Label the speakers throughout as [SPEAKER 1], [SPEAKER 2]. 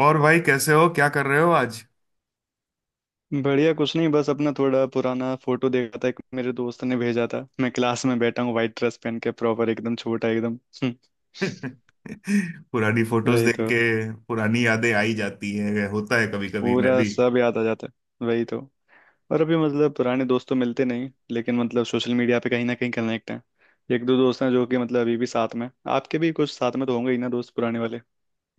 [SPEAKER 1] और भाई कैसे हो, क्या कर रहे हो आज।
[SPEAKER 2] बढ़िया, कुछ नहीं, बस अपना थोड़ा पुराना फोटो देखा था, एक मेरे दोस्त ने भेजा था। मैं क्लास में बैठा हूँ, व्हाइट ड्रेस पहन के, प्रॉपर एकदम छोटा एकदम। हम्म,
[SPEAKER 1] पुरानी फोटोज
[SPEAKER 2] वही
[SPEAKER 1] देख
[SPEAKER 2] तो।
[SPEAKER 1] के पुरानी यादें आई जाती हैं, होता है कभी कभी मैं
[SPEAKER 2] पूरा
[SPEAKER 1] भी।
[SPEAKER 2] सब याद आ जाता है, वही तो। और अभी मतलब पुराने दोस्त तो मिलते नहीं, लेकिन मतलब सोशल मीडिया पे कहीं ना कहीं कनेक्ट हैं। एक दो दोस्त हैं जो कि मतलब अभी भी साथ में। आपके भी कुछ साथ में तो होंगे ही ना, दोस्त पुराने वाले।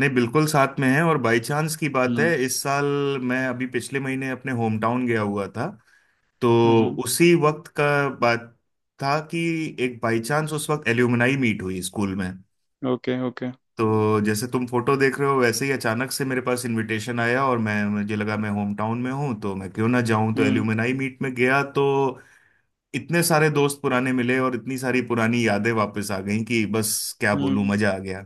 [SPEAKER 1] नहीं बिल्कुल साथ में है, और बाई चांस की बात है,
[SPEAKER 2] हम्म।
[SPEAKER 1] इस साल मैं अभी पिछले महीने अपने होम टाउन गया हुआ था। तो
[SPEAKER 2] हम्म।
[SPEAKER 1] उसी वक्त का बात था कि एक बाई चांस उस वक्त एल्यूमनाई मीट हुई स्कूल में।
[SPEAKER 2] Okay okay.
[SPEAKER 1] तो जैसे तुम फोटो देख रहे हो वैसे ही अचानक से मेरे पास इनविटेशन आया, और मैं मुझे लगा मैं होम टाउन में हूँ तो मैं क्यों ना जाऊं, तो
[SPEAKER 2] हम्म, okay, okay।
[SPEAKER 1] एल्यूमनाई मीट में गया। तो इतने सारे दोस्त पुराने मिले और इतनी सारी पुरानी यादें वापस आ गईं कि बस क्या बोलूं,
[SPEAKER 2] हम्म।
[SPEAKER 1] मजा आ गया।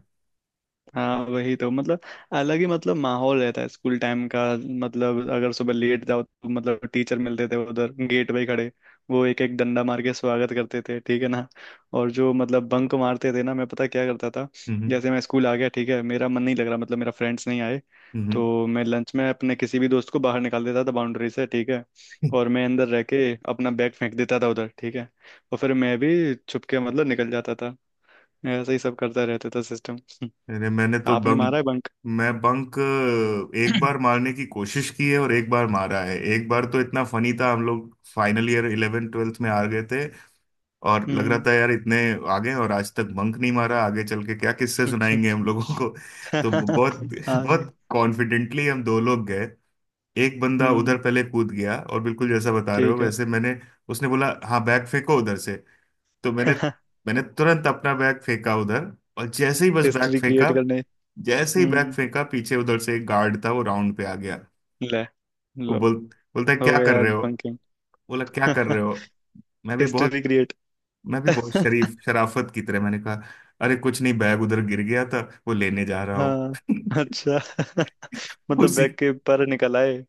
[SPEAKER 2] हाँ, वही तो मतलब अलग ही मतलब माहौल रहता है स्कूल टाइम का। मतलब अगर सुबह लेट जाओ तो मतलब टीचर मिलते थे उधर गेट पे खड़े। वो एक एक डंडा मार के स्वागत करते थे, ठीक है ना। और जो मतलब बंक मारते थे ना, मैं पता क्या करता था।
[SPEAKER 1] हम्म।
[SPEAKER 2] जैसे मैं स्कूल आ गया, ठीक है, मेरा मन नहीं लग रहा, मतलब मेरा फ्रेंड्स नहीं आए।
[SPEAKER 1] हम्म।
[SPEAKER 2] तो मैं लंच में अपने किसी भी दोस्त को बाहर निकाल देता था बाउंड्री से, ठीक है। और मैं अंदर रह के अपना बैग फेंक देता था उधर, ठीक है। और फिर मैं भी छुप के मतलब निकल जाता था। ऐसे ही सब करता रहता था सिस्टम।
[SPEAKER 1] अरे मैंने तो
[SPEAKER 2] आपने मारा
[SPEAKER 1] बंक
[SPEAKER 2] है बंक?
[SPEAKER 1] मैं बंक एक बार मारने की कोशिश की है और एक बार मारा है। एक बार तो इतना फनी था, हम लोग फाइनल ईयर इलेवेंथ ट्वेल्थ में आ गए थे और लग रहा
[SPEAKER 2] हम्म।
[SPEAKER 1] था यार इतने आगे और आज तक बंक नहीं मारा, आगे चल के क्या किस्से सुनाएंगे हम लोगों को। तो बहुत
[SPEAKER 2] आए।
[SPEAKER 1] बहुत कॉन्फिडेंटली हम दो लोग गए। एक बंदा उधर
[SPEAKER 2] हम्म।
[SPEAKER 1] पहले कूद गया, और बिल्कुल जैसा बता रहे हो
[SPEAKER 2] ठीक है।
[SPEAKER 1] वैसे मैंने उसने बोला हाँ बैग फेंको उधर से। तो मैंने मैंने तुरंत अपना बैग फेंका उधर। और जैसे ही बस बैग
[SPEAKER 2] हिस्ट्री
[SPEAKER 1] फेंका,
[SPEAKER 2] क्रिएट करने।
[SPEAKER 1] जैसे ही बैग
[SPEAKER 2] हम्म।
[SPEAKER 1] फेंका, पीछे उधर से एक गार्ड था वो राउंड पे आ गया।
[SPEAKER 2] ले
[SPEAKER 1] वो
[SPEAKER 2] लो।
[SPEAKER 1] बोल बोलता है
[SPEAKER 2] हो
[SPEAKER 1] क्या
[SPEAKER 2] गया
[SPEAKER 1] कर
[SPEAKER 2] यार
[SPEAKER 1] रहे हो,
[SPEAKER 2] बंकिंग।
[SPEAKER 1] बोला क्या कर रहे हो। मैं भी बहुत
[SPEAKER 2] हिस्ट्री क्रिएट।
[SPEAKER 1] मैं भी बहुत शरीफ शराफत की तरह मैंने कहा, अरे कुछ नहीं बैग उधर गिर गया था वो लेने जा रहा हूँ।
[SPEAKER 2] हाँ। अच्छा, मतलब
[SPEAKER 1] उसी
[SPEAKER 2] बैग के पर निकल आए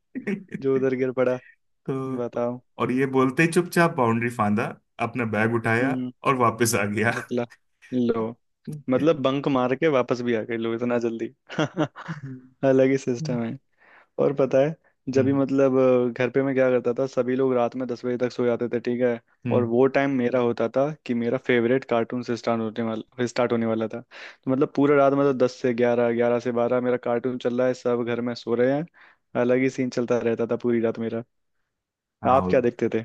[SPEAKER 2] जो उधर गिर पड़ा।
[SPEAKER 1] तो
[SPEAKER 2] बताओ।
[SPEAKER 1] और ये बोलते ही चुपचाप बाउंड्री फांदा, अपना बैग उठाया
[SPEAKER 2] हम्म।
[SPEAKER 1] और वापस आ गया।
[SPEAKER 2] निकला। लो, मतलब बंक मार के वापस भी आ गए, लो, इतना जल्दी।
[SPEAKER 1] हम्म।
[SPEAKER 2] अलग ही सिस्टम है। और पता है, जब भी मतलब घर पे मैं क्या करता था, सभी लोग रात में 10 बजे तक सो जाते थे, ठीक है। और
[SPEAKER 1] हम्म।
[SPEAKER 2] वो टाइम मेरा होता था कि मेरा फेवरेट कार्टून से स्टार्ट होने वाला था तो मतलब पूरा रात मतलब 10 से 11, 11 से 12 मेरा कार्टून चल रहा है, सब घर में सो रहे हैं। अलग ही सीन चलता रहता था पूरी रात मेरा। आप
[SPEAKER 1] हाँ।
[SPEAKER 2] क्या देखते थे?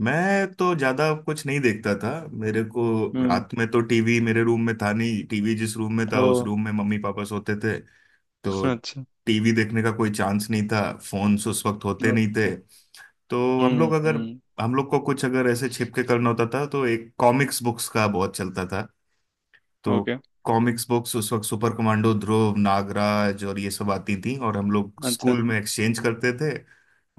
[SPEAKER 1] मैं तो ज्यादा कुछ नहीं देखता था। मेरे को
[SPEAKER 2] हम्म।
[SPEAKER 1] रात में तो टीवी मेरे रूम में था नहीं, टीवी जिस रूम में था
[SPEAKER 2] ओ,
[SPEAKER 1] उस रूम में मम्मी पापा सोते थे। तो
[SPEAKER 2] अच्छा।
[SPEAKER 1] टीवी देखने का कोई चांस नहीं था। फोन्स उस वक्त होते नहीं थे।
[SPEAKER 2] ओके।
[SPEAKER 1] तो हम लोग अगर
[SPEAKER 2] हम्म।
[SPEAKER 1] हम लोग को कुछ अगर ऐसे छिप के करना होता था तो एक कॉमिक्स बुक्स का बहुत चलता था। तो
[SPEAKER 2] ओके।
[SPEAKER 1] कॉमिक्स बुक्स उस वक्त सुपर कमांडो ध्रुव, नागराज और ये सब आती थी और हम लोग
[SPEAKER 2] अच्छा।
[SPEAKER 1] स्कूल में एक्सचेंज करते थे।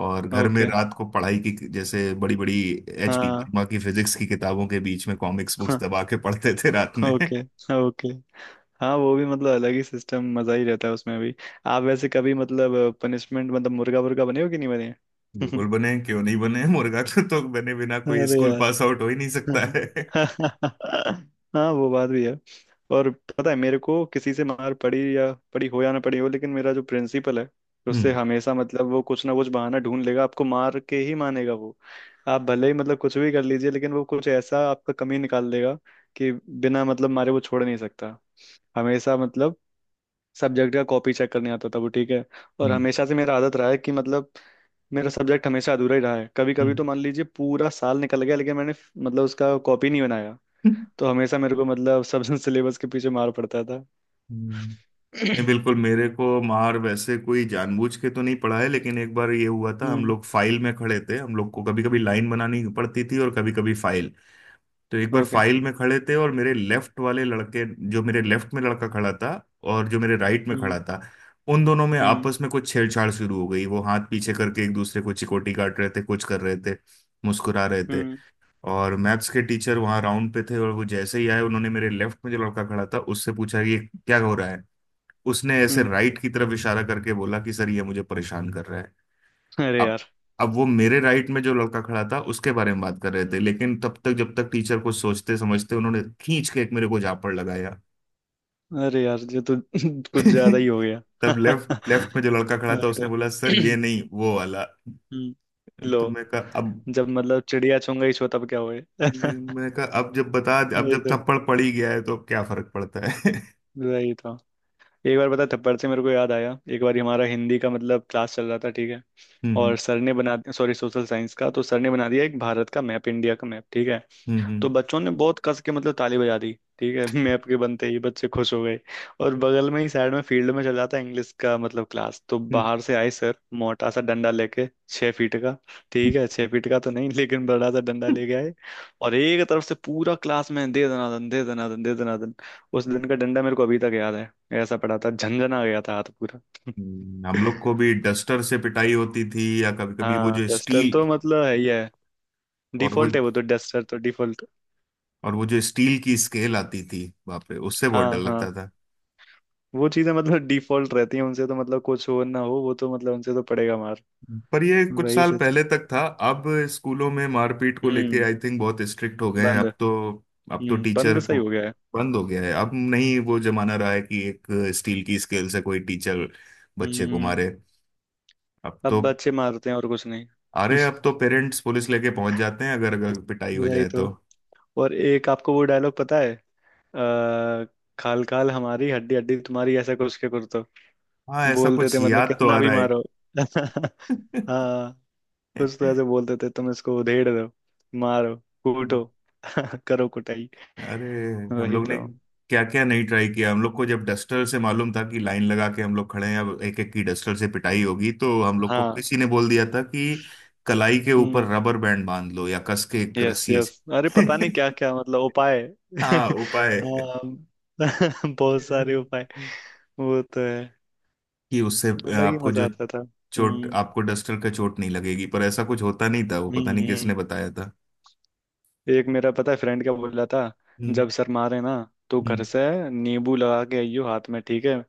[SPEAKER 1] और घर में
[SPEAKER 2] ओके।
[SPEAKER 1] रात को पढ़ाई की जैसे बड़ी बड़ी HD
[SPEAKER 2] हाँ।
[SPEAKER 1] वर्मा की फिजिक्स की किताबों के बीच में कॉमिक्स बुक्स दबा के पढ़ते थे रात
[SPEAKER 2] हाँ,
[SPEAKER 1] में।
[SPEAKER 2] ओके। ओके। हाँ, वो भी मतलब अलग ही सिस्टम, मजा ही रहता है उसमें भी। आप वैसे कभी मतलब पनिशमेंट मतलब मुर्गा मुर्गा बने हो कि नहीं बने?
[SPEAKER 1] बिल्कुल बने, क्यों नहीं बने, मुर्गा तो बने बिना कोई
[SPEAKER 2] अरे
[SPEAKER 1] स्कूल
[SPEAKER 2] यार।
[SPEAKER 1] पास आउट हो ही नहीं सकता है।
[SPEAKER 2] हाँ, वो बात भी है। और पता है, मेरे को किसी से मार पड़ी या पड़ी हो या ना पड़ी हो, लेकिन मेरा जो प्रिंसिपल है, उससे
[SPEAKER 1] हम्म।
[SPEAKER 2] हमेशा मतलब वो कुछ ना कुछ बहाना ढूंढ लेगा, आपको मार के ही मानेगा वो। आप भले ही मतलब कुछ भी कर लीजिए, लेकिन वो कुछ ऐसा आपका कमी निकाल देगा कि बिना मतलब मारे वो छोड़ नहीं सकता। हमेशा मतलब सब्जेक्ट का कॉपी चेक करने आता था वो, ठीक है। और
[SPEAKER 1] हम्म।
[SPEAKER 2] हमेशा से मेरा आदत रहा है कि मतलब मेरा सब्जेक्ट हमेशा अधूरा ही रहा है। कभी कभी
[SPEAKER 1] हम्म।
[SPEAKER 2] तो मान लीजिए पूरा साल निकल गया, लेकिन मैंने मतलब उसका कॉपी नहीं बनाया।
[SPEAKER 1] हम्म।
[SPEAKER 2] तो हमेशा मेरे को मतलब सब सिलेबस के पीछे मार पड़ता था।
[SPEAKER 1] हम्म। नहीं बिल्कुल, मेरे को मार वैसे कोई जानबूझ के तो नहीं पड़ा है, लेकिन एक बार ये हुआ था। हम
[SPEAKER 2] हम्म।
[SPEAKER 1] लोग फाइल में खड़े थे, हम लोग को कभी कभी लाइन बनानी पड़ती थी और कभी कभी फाइल। तो एक बार
[SPEAKER 2] ओके।
[SPEAKER 1] फाइल में खड़े थे और मेरे लेफ्ट वाले लड़के जो मेरे लेफ्ट में लड़का खड़ा था और जो मेरे राइट में
[SPEAKER 2] हम्म
[SPEAKER 1] खड़ा था, उन दोनों में
[SPEAKER 2] हम्म
[SPEAKER 1] आपस में कुछ छेड़छाड़ शुरू हो गई। वो हाथ पीछे करके एक दूसरे को चिकोटी काट रहे थे, कुछ कर रहे थे, मुस्कुरा रहे थे।
[SPEAKER 2] हम्म।
[SPEAKER 1] और मैथ्स के टीचर वहां राउंड पे थे, और वो जैसे ही आए उन्होंने मेरे लेफ्ट में जो लड़का खड़ा था उससे पूछा कि ये क्या हो रहा है। उसने ऐसे
[SPEAKER 2] हम्म।
[SPEAKER 1] राइट की तरफ इशारा करके बोला कि सर ये मुझे परेशान कर रहा है।
[SPEAKER 2] अरे
[SPEAKER 1] अब
[SPEAKER 2] यार।
[SPEAKER 1] अब वो मेरे राइट में जो लड़का खड़ा था उसके बारे में बात कर रहे थे, लेकिन तब तक, जब तक टीचर कुछ सोचते समझते, उन्होंने खींच के एक मेरे को झापड़ लगाया।
[SPEAKER 2] अरे यार, ये तो कुछ ज्यादा ही हो गया।
[SPEAKER 1] तब लेफ्ट लेफ्ट में जो लड़का खड़ा था
[SPEAKER 2] अरे तो
[SPEAKER 1] उसने बोला सर ये नहीं, वो वाला।
[SPEAKER 2] हम्म,
[SPEAKER 1] तो
[SPEAKER 2] लो। जब मतलब चिड़िया चुंगा ही छो तब क्या हुए।
[SPEAKER 1] मैं कहा अब
[SPEAKER 2] वही
[SPEAKER 1] जब
[SPEAKER 2] तो।
[SPEAKER 1] थप्पड़ पड़ ही गया है तो अब क्या फर्क पड़ता है।
[SPEAKER 2] वही तो। एक बार पता है, थप्पड़ से मेरे को याद आया, एक बार हमारा हिंदी का मतलब क्लास चल रहा था, ठीक है। और
[SPEAKER 1] हम्म।
[SPEAKER 2] सर ने बना, सॉरी, सोशल साइंस का। तो सर ने बना दिया एक भारत का मैप, इंडिया का मैप, ठीक है।
[SPEAKER 1] हम्म। हम्म।
[SPEAKER 2] तो
[SPEAKER 1] हम्म।
[SPEAKER 2] बच्चों ने बहुत कस के मतलब ताली बजा दी, ठीक है। मैप के बनते ही बच्चे खुश हो गए। और बगल में ही साइड में फील्ड में चल रहा था इंग्लिश का मतलब क्लास। तो
[SPEAKER 1] हम्म।
[SPEAKER 2] बाहर से आए सर मोटा सा डंडा लेके, 6 फीट का, ठीक है, 6 फीट का तो नहीं लेकिन बड़ा सा डंडा लेके आए। और एक तरफ से पूरा क्लास में दे दनादन दे दनादन दे दनादन। उस दिन का डंडा मेरे को अभी तक याद है। ऐसा पड़ा था, झंझना गया था हाथ पूरा।
[SPEAKER 1] हम्म। हम लोग को भी डस्टर से पिटाई होती थी, या कभी कभी वो
[SPEAKER 2] हाँ,
[SPEAKER 1] जो
[SPEAKER 2] डस्टर
[SPEAKER 1] स्टील।
[SPEAKER 2] तो मतलब है ही है,
[SPEAKER 1] और वो
[SPEAKER 2] डिफॉल्ट है वो तो, डस्टर तो डिफॉल्ट।
[SPEAKER 1] और वो जो स्टील की स्केल आती थी, बाप रे, उससे बहुत डर
[SPEAKER 2] हाँ हाँ।
[SPEAKER 1] लगता था।
[SPEAKER 2] वो चीजें मतलब डिफॉल्ट रहती हैं, उनसे तो मतलब कुछ हो ना हो, वो तो मतलब उनसे तो पड़ेगा मार।
[SPEAKER 1] पर ये कुछ
[SPEAKER 2] वही
[SPEAKER 1] साल
[SPEAKER 2] सिस्टम।
[SPEAKER 1] पहले तक था। अब स्कूलों में मारपीट को लेके
[SPEAKER 2] हम्म।
[SPEAKER 1] आई थिंक बहुत स्ट्रिक्ट हो गए हैं
[SPEAKER 2] बंद।
[SPEAKER 1] अब तो। अब तो
[SPEAKER 2] हम्म,
[SPEAKER 1] टीचर
[SPEAKER 2] बंद सही
[SPEAKER 1] को
[SPEAKER 2] हो गया है।
[SPEAKER 1] बंद हो गया है, अब नहीं वो जमाना रहा है कि एक स्टील की स्केल से कोई टीचर बच्चे को
[SPEAKER 2] हम्म।
[SPEAKER 1] मारे। अब
[SPEAKER 2] अब
[SPEAKER 1] तो
[SPEAKER 2] बच्चे मारते हैं और कुछ नहीं।
[SPEAKER 1] अरे अब तो पेरेंट्स पुलिस लेके पहुंच जाते हैं, अगर अगर पिटाई हो
[SPEAKER 2] वही
[SPEAKER 1] जाए तो।
[SPEAKER 2] तो। और एक आपको वो डायलॉग पता है? आ, खाल खाल हमारी, हड्डी हड्डी तुम्हारी, ऐसा कुछ के कुर्तो
[SPEAKER 1] हाँ, ऐसा
[SPEAKER 2] बोलते
[SPEAKER 1] कुछ
[SPEAKER 2] थे, मतलब
[SPEAKER 1] याद तो
[SPEAKER 2] कितना
[SPEAKER 1] आ
[SPEAKER 2] भी
[SPEAKER 1] रहा
[SPEAKER 2] मारो।
[SPEAKER 1] है।
[SPEAKER 2] हाँ, कुछ तो ऐसे बोलते थे, तुम इसको उधेड़ दो, मारो, कूटो। करो कुटाई।
[SPEAKER 1] अरे हम
[SPEAKER 2] वही
[SPEAKER 1] लोग ने
[SPEAKER 2] तो।
[SPEAKER 1] क्या क्या नहीं ट्राई किया। हम लोग को जब डस्टर से मालूम था कि लाइन लगा के हम लोग खड़े हैं अब एक एक की डस्टर से पिटाई होगी, तो हम लोग को
[SPEAKER 2] हाँ।
[SPEAKER 1] किसी ने बोल दिया था कि कलाई के ऊपर
[SPEAKER 2] हम्म।
[SPEAKER 1] रबर बैंड बांध लो या कस के एक
[SPEAKER 2] यस
[SPEAKER 1] रस्सी
[SPEAKER 2] यस। अरे पता नहीं
[SPEAKER 1] ऐसे।
[SPEAKER 2] क्या क्या मतलब उपाय।
[SPEAKER 1] हाँ उपाय।
[SPEAKER 2] हाँ। बहुत सारे उपाय।
[SPEAKER 1] हम्म।
[SPEAKER 2] वो तो है।
[SPEAKER 1] कि उससे
[SPEAKER 2] अलग ही
[SPEAKER 1] आपको
[SPEAKER 2] मजा
[SPEAKER 1] जो
[SPEAKER 2] आता था।
[SPEAKER 1] चोट आपको डस्टर का चोट नहीं लगेगी। पर ऐसा कुछ होता नहीं था, वो
[SPEAKER 2] हम्म
[SPEAKER 1] पता नहीं किसने
[SPEAKER 2] हम्म।
[SPEAKER 1] बताया था।
[SPEAKER 2] एक मेरा पता है फ्रेंड क्या बोल रहा था,
[SPEAKER 1] हम्म।
[SPEAKER 2] जब सर मारे ना तो घर
[SPEAKER 1] हम्म।
[SPEAKER 2] से नींबू लगा के आइयो हाथ में, ठीक है।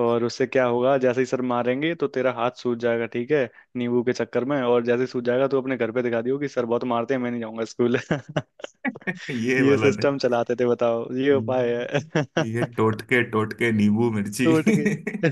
[SPEAKER 2] और उससे क्या होगा, जैसे ही सर मारेंगे तो तेरा हाथ सूज जाएगा, ठीक है, नींबू के चक्कर में। और जैसे ही सूज जाएगा तो अपने घर पे दिखा दियो कि सर बहुत मारते हैं, मैं नहीं जाऊंगा स्कूल।
[SPEAKER 1] ये
[SPEAKER 2] ये
[SPEAKER 1] वाला ने
[SPEAKER 2] सिस्टम चलाते थे, बताओ, ये उपाय है।
[SPEAKER 1] ये टोटके, टोटके, नींबू मिर्ची।
[SPEAKER 2] टोट के।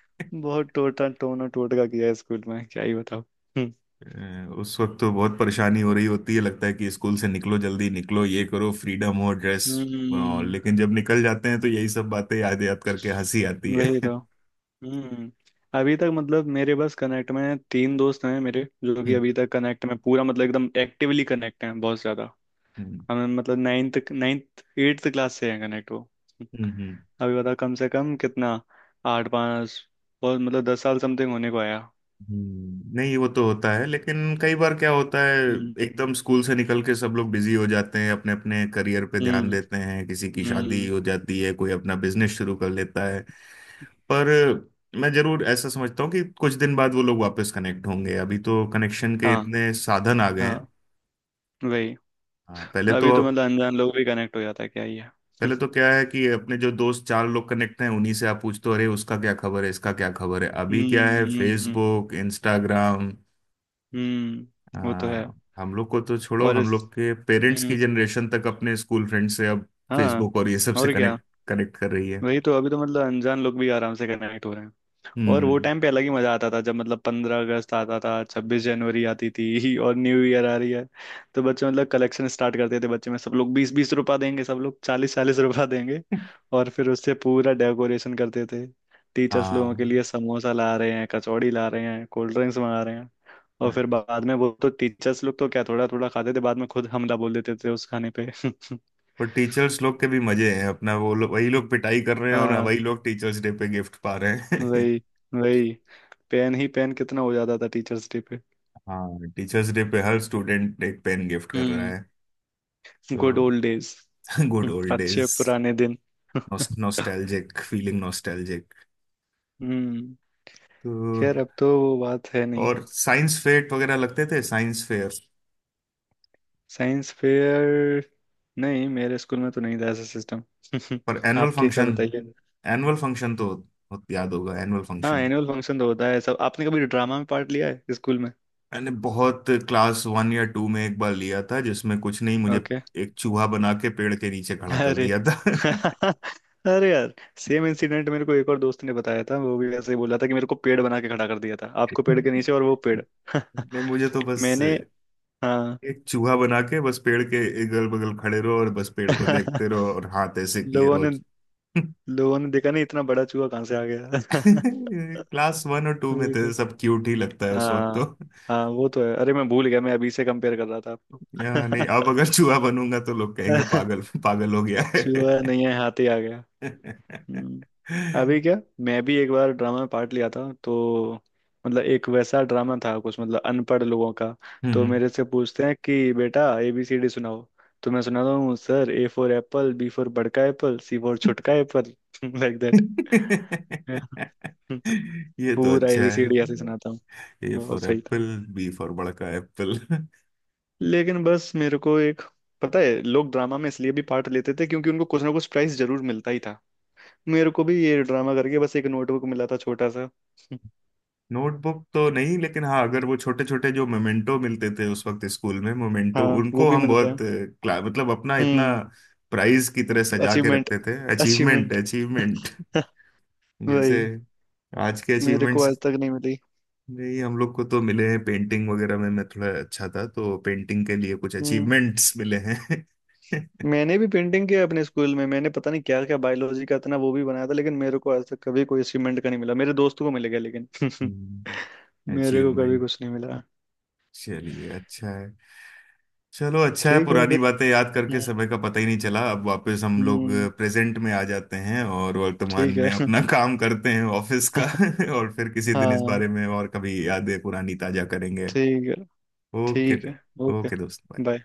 [SPEAKER 2] बहुत टोटा टोना टोटका किया है स्कूल में, क्या ही बताओ। हम्म।
[SPEAKER 1] उस वक्त तो बहुत परेशानी हो रही होती है, लगता है कि स्कूल से निकलो, जल्दी निकलो, ये करो, फ्रीडम हो, ड्रेस।
[SPEAKER 2] हम्म,
[SPEAKER 1] लेकिन जब निकल जाते हैं तो यही सब बातें याद याद करके हंसी आती
[SPEAKER 2] वही
[SPEAKER 1] है।
[SPEAKER 2] तो। हम्म। अभी तक मतलब मेरे बस कनेक्ट में 3 दोस्त हैं मेरे, जो कि
[SPEAKER 1] हम्म।
[SPEAKER 2] अभी तक कनेक्ट में पूरा मतलब एकदम एक्टिवली कनेक्ट हैं, बहुत ज्यादा।
[SPEAKER 1] हम्म।
[SPEAKER 2] हमें मतलब नाइन्थ नाइन्थ एट्थ क्लास से हैं कनेक्ट वो।
[SPEAKER 1] हम्म।
[SPEAKER 2] अभी बता, कम से कम कितना, आठ पाँच, और मतलब 10 साल समथिंग होने को आया।
[SPEAKER 1] हम्म। नहीं, वो तो होता है, लेकिन कई बार क्या होता है
[SPEAKER 2] हम्म
[SPEAKER 1] एकदम स्कूल से निकल के सब लोग बिजी हो जाते हैं, अपने अपने करियर पे ध्यान
[SPEAKER 2] हम्म
[SPEAKER 1] देते हैं, किसी की शादी
[SPEAKER 2] हम्म।
[SPEAKER 1] हो जाती है, कोई अपना बिजनेस शुरू कर लेता है। पर मैं जरूर ऐसा समझता हूँ कि कुछ दिन बाद वो लोग वापस कनेक्ट होंगे, अभी तो कनेक्शन के
[SPEAKER 2] हाँ
[SPEAKER 1] इतने साधन आ गए
[SPEAKER 2] हाँ।
[SPEAKER 1] हैं।
[SPEAKER 2] वही।
[SPEAKER 1] हाँ पहले तो
[SPEAKER 2] अभी तो मतलब अनजान लोग भी कनेक्ट हो जाता है क्या ये। हम्म
[SPEAKER 1] पहले तो क्या है कि अपने जो दोस्त चार लोग कनेक्ट हैं उन्हीं से आप पूछते हो अरे उसका क्या खबर है, इसका क्या खबर है। अभी क्या है,
[SPEAKER 2] हम्म।
[SPEAKER 1] Facebook, Instagram.
[SPEAKER 2] हम्म, वो तो है।
[SPEAKER 1] हाँ हम लोग को तो छोड़ो,
[SPEAKER 2] और
[SPEAKER 1] हम
[SPEAKER 2] इस।
[SPEAKER 1] लोग के पेरेंट्स की
[SPEAKER 2] हम्म।
[SPEAKER 1] जनरेशन तक अपने स्कूल फ्रेंड से अब
[SPEAKER 2] हाँ।
[SPEAKER 1] फेसबुक और ये सब से
[SPEAKER 2] और क्या।
[SPEAKER 1] कनेक्ट कनेक्ट कर रही है।
[SPEAKER 2] वही तो, अभी तो मतलब अनजान लोग भी आराम से कनेक्ट हो रहे हैं। और वो
[SPEAKER 1] हम्म।
[SPEAKER 2] टाइम पे अलग ही मजा आता था, जब मतलब 15 अगस्त आता था, 26 जनवरी आती थी और न्यू ईयर आ रही है, तो बच्चे मतलब कलेक्शन स्टार्ट करते थे बच्चे में, सब लोग 20-20 रुपया देंगे, सब लोग 40-40 रुपया देंगे। और फिर उससे पूरा डेकोरेशन करते थे। टीचर्स लोगों के
[SPEAKER 1] हाँ।
[SPEAKER 2] लिए समोसा ला रहे हैं, कचौड़ी ला रहे हैं, कोल्ड ड्रिंक्स मंगा रहे हैं। और
[SPEAKER 1] हाँ।
[SPEAKER 2] फिर बाद में वो तो टीचर्स लोग तो क्या थोड़ा थोड़ा खाते थे, बाद में खुद हमला बोल देते थे उस खाने पे।
[SPEAKER 1] पर टीचर्स लोग के भी मजे हैं अपना, वो लोग वही लोग पिटाई कर रहे हैं और
[SPEAKER 2] हाँ।
[SPEAKER 1] वही लोग टीचर्स डे पे गिफ्ट पा रहे हैं।
[SPEAKER 2] वही। वही। पेन ही पेन कितना हो जाता था टीचर्स डे पे।
[SPEAKER 1] हाँ, टीचर्स डे पे हर स्टूडेंट एक पेन गिफ्ट कर रहा
[SPEAKER 2] हम्म।
[SPEAKER 1] है।
[SPEAKER 2] गुड
[SPEAKER 1] तो
[SPEAKER 2] ओल्ड डेज।
[SPEAKER 1] गुड ओल्ड
[SPEAKER 2] अच्छे
[SPEAKER 1] डेज।
[SPEAKER 2] पुराने दिन।
[SPEAKER 1] Nostalgic feeling, nostalgic.
[SPEAKER 2] हम्म।
[SPEAKER 1] तो
[SPEAKER 2] खैर अब तो वो बात है नहीं।
[SPEAKER 1] और साइंस फेयर वगैरह लगते थे, साइंस फेयर।
[SPEAKER 2] Science fair? नहीं, मेरे स्कूल में तो नहीं था ऐसा सिस्टम।
[SPEAKER 1] पर एनुअल
[SPEAKER 2] आपके क्या
[SPEAKER 1] फंक्शन,
[SPEAKER 2] बताइए।
[SPEAKER 1] एनुअल फंक्शन तो बहुत याद होगा, एनुअल
[SPEAKER 2] हाँ,
[SPEAKER 1] फंक्शन।
[SPEAKER 2] एनुअल फंक्शन तो होता है सब। आपने कभी ड्रामा में पार्ट लिया है स्कूल में?
[SPEAKER 1] मैंने बहुत क्लास वन या टू में एक बार लिया था जिसमें कुछ नहीं मुझे
[SPEAKER 2] ओके।
[SPEAKER 1] एक चूहा बना के पेड़ के नीचे खड़ा कर
[SPEAKER 2] अरे।
[SPEAKER 1] दिया था।
[SPEAKER 2] अरे यार, सेम इंसिडेंट मेरे को एक और दोस्त ने बताया था, वो भी ऐसे ही बोला था कि मेरे को पेड़ बना के खड़ा कर दिया था, आपको पेड़ के नीचे और वो पेड़।
[SPEAKER 1] ने मुझे तो बस
[SPEAKER 2] मैंने। हाँ।
[SPEAKER 1] एक चूहा बना के बस पेड़ के अगल बगल खड़े रहो और बस पेड़ को देखते रहो और हाथ ऐसे किए
[SPEAKER 2] लोगों
[SPEAKER 1] रहो।
[SPEAKER 2] ने, लोगों ने देखा नहीं, इतना बड़ा चूहा कहाँ से आ गया।
[SPEAKER 1] क्लास वन और टू में
[SPEAKER 2] वही
[SPEAKER 1] तो
[SPEAKER 2] तो।
[SPEAKER 1] सब क्यूट ही लगता है उस वक्त
[SPEAKER 2] हाँ
[SPEAKER 1] तो।
[SPEAKER 2] हाँ, वो तो है। अरे मैं भूल गया, मैं अभी से कंपेयर कर रहा था आपको।
[SPEAKER 1] या नहीं अब अगर चूहा बनूंगा तो लोग कहेंगे पागल पागल हो गया
[SPEAKER 2] चूहा
[SPEAKER 1] है।
[SPEAKER 2] नहीं है, हाथी। आ
[SPEAKER 1] हम्म।
[SPEAKER 2] हम्म, अभी क्या, मैं भी एक बार ड्रामा में पार्ट लिया था। तो मतलब एक वैसा ड्रामा था, कुछ मतलब अनपढ़ लोगों का। तो मेरे से पूछते हैं कि बेटा ABCD सुनाओ। तो मैं सुनाता हूँ, sir A for Apple, B for बड़का Apple, C for छुटका Apple, like that.
[SPEAKER 1] ये तो
[SPEAKER 2] पूरा ए
[SPEAKER 1] अच्छा
[SPEAKER 2] बी सी डी ऐसे सुनाता
[SPEAKER 1] है।
[SPEAKER 2] हूँ।
[SPEAKER 1] ए
[SPEAKER 2] बहुत
[SPEAKER 1] फॉर
[SPEAKER 2] सही
[SPEAKER 1] एप्पल,
[SPEAKER 2] था।
[SPEAKER 1] बी फॉर बड़ा का एप्पल।
[SPEAKER 2] लेकिन बस मेरे को एक, पता है, लोग ड्रामा में इसलिए भी पार्ट लेते थे क्योंकि उनको कुछ ना कुछ प्राइस जरूर मिलता ही था। मेरे को भी ये ड्रामा करके बस एक नोटबुक मिला था, छोटा सा।
[SPEAKER 1] नोटबुक तो नहीं, लेकिन हाँ अगर वो छोटे छोटे जो मोमेंटो मिलते थे उस वक्त स्कूल में, मोमेंटो,
[SPEAKER 2] हाँ, वो
[SPEAKER 1] उनको
[SPEAKER 2] भी
[SPEAKER 1] हम
[SPEAKER 2] मिलते हैं।
[SPEAKER 1] बहुत मतलब अपना इतना
[SPEAKER 2] हम्म।
[SPEAKER 1] प्राइज की तरह सजा के
[SPEAKER 2] अचीवमेंट।
[SPEAKER 1] रखते थे, अचीवमेंट,
[SPEAKER 2] अचीवमेंट।
[SPEAKER 1] अचीवमेंट। जैसे
[SPEAKER 2] वही।
[SPEAKER 1] आज के
[SPEAKER 2] मेरे को
[SPEAKER 1] अचीवमेंट्स।
[SPEAKER 2] आज तक नहीं मिली।
[SPEAKER 1] नहीं हम लोग को तो मिले हैं, पेंटिंग वगैरह में मैं थोड़ा अच्छा था, तो पेंटिंग के लिए कुछ
[SPEAKER 2] हम्म।
[SPEAKER 1] अचीवमेंट्स मिले हैं।
[SPEAKER 2] मैंने भी पेंटिंग किया अपने स्कूल में, मैंने पता नहीं क्या क्या, बायोलॉजी का इतना वो भी बनाया था, लेकिन मेरे को आज तक कभी कोई अचीवमेंट का नहीं मिला, मेरे दोस्तों को मिल गया लेकिन। मेरे को कभी
[SPEAKER 1] अचीवमेंट।
[SPEAKER 2] कुछ नहीं मिला।
[SPEAKER 1] चलिए अच्छा है। चलो अच्छा है,
[SPEAKER 2] ठीक है
[SPEAKER 1] पुरानी
[SPEAKER 2] फिर।
[SPEAKER 1] बातें याद करके
[SPEAKER 2] हम्म।
[SPEAKER 1] समय का पता ही नहीं चला। अब वापस हम लोग
[SPEAKER 2] हम्म,
[SPEAKER 1] प्रेजेंट में आ जाते हैं और वर्तमान
[SPEAKER 2] ठीक
[SPEAKER 1] में
[SPEAKER 2] है।
[SPEAKER 1] अपना काम करते हैं ऑफिस का। और फिर किसी दिन इस
[SPEAKER 2] हाँ।
[SPEAKER 1] बारे में, और कभी यादें पुरानी ताजा करेंगे।
[SPEAKER 2] ठीक है।
[SPEAKER 1] ओके।
[SPEAKER 2] ठीक है। ओके।
[SPEAKER 1] ओके दोस्त bye।
[SPEAKER 2] बाय।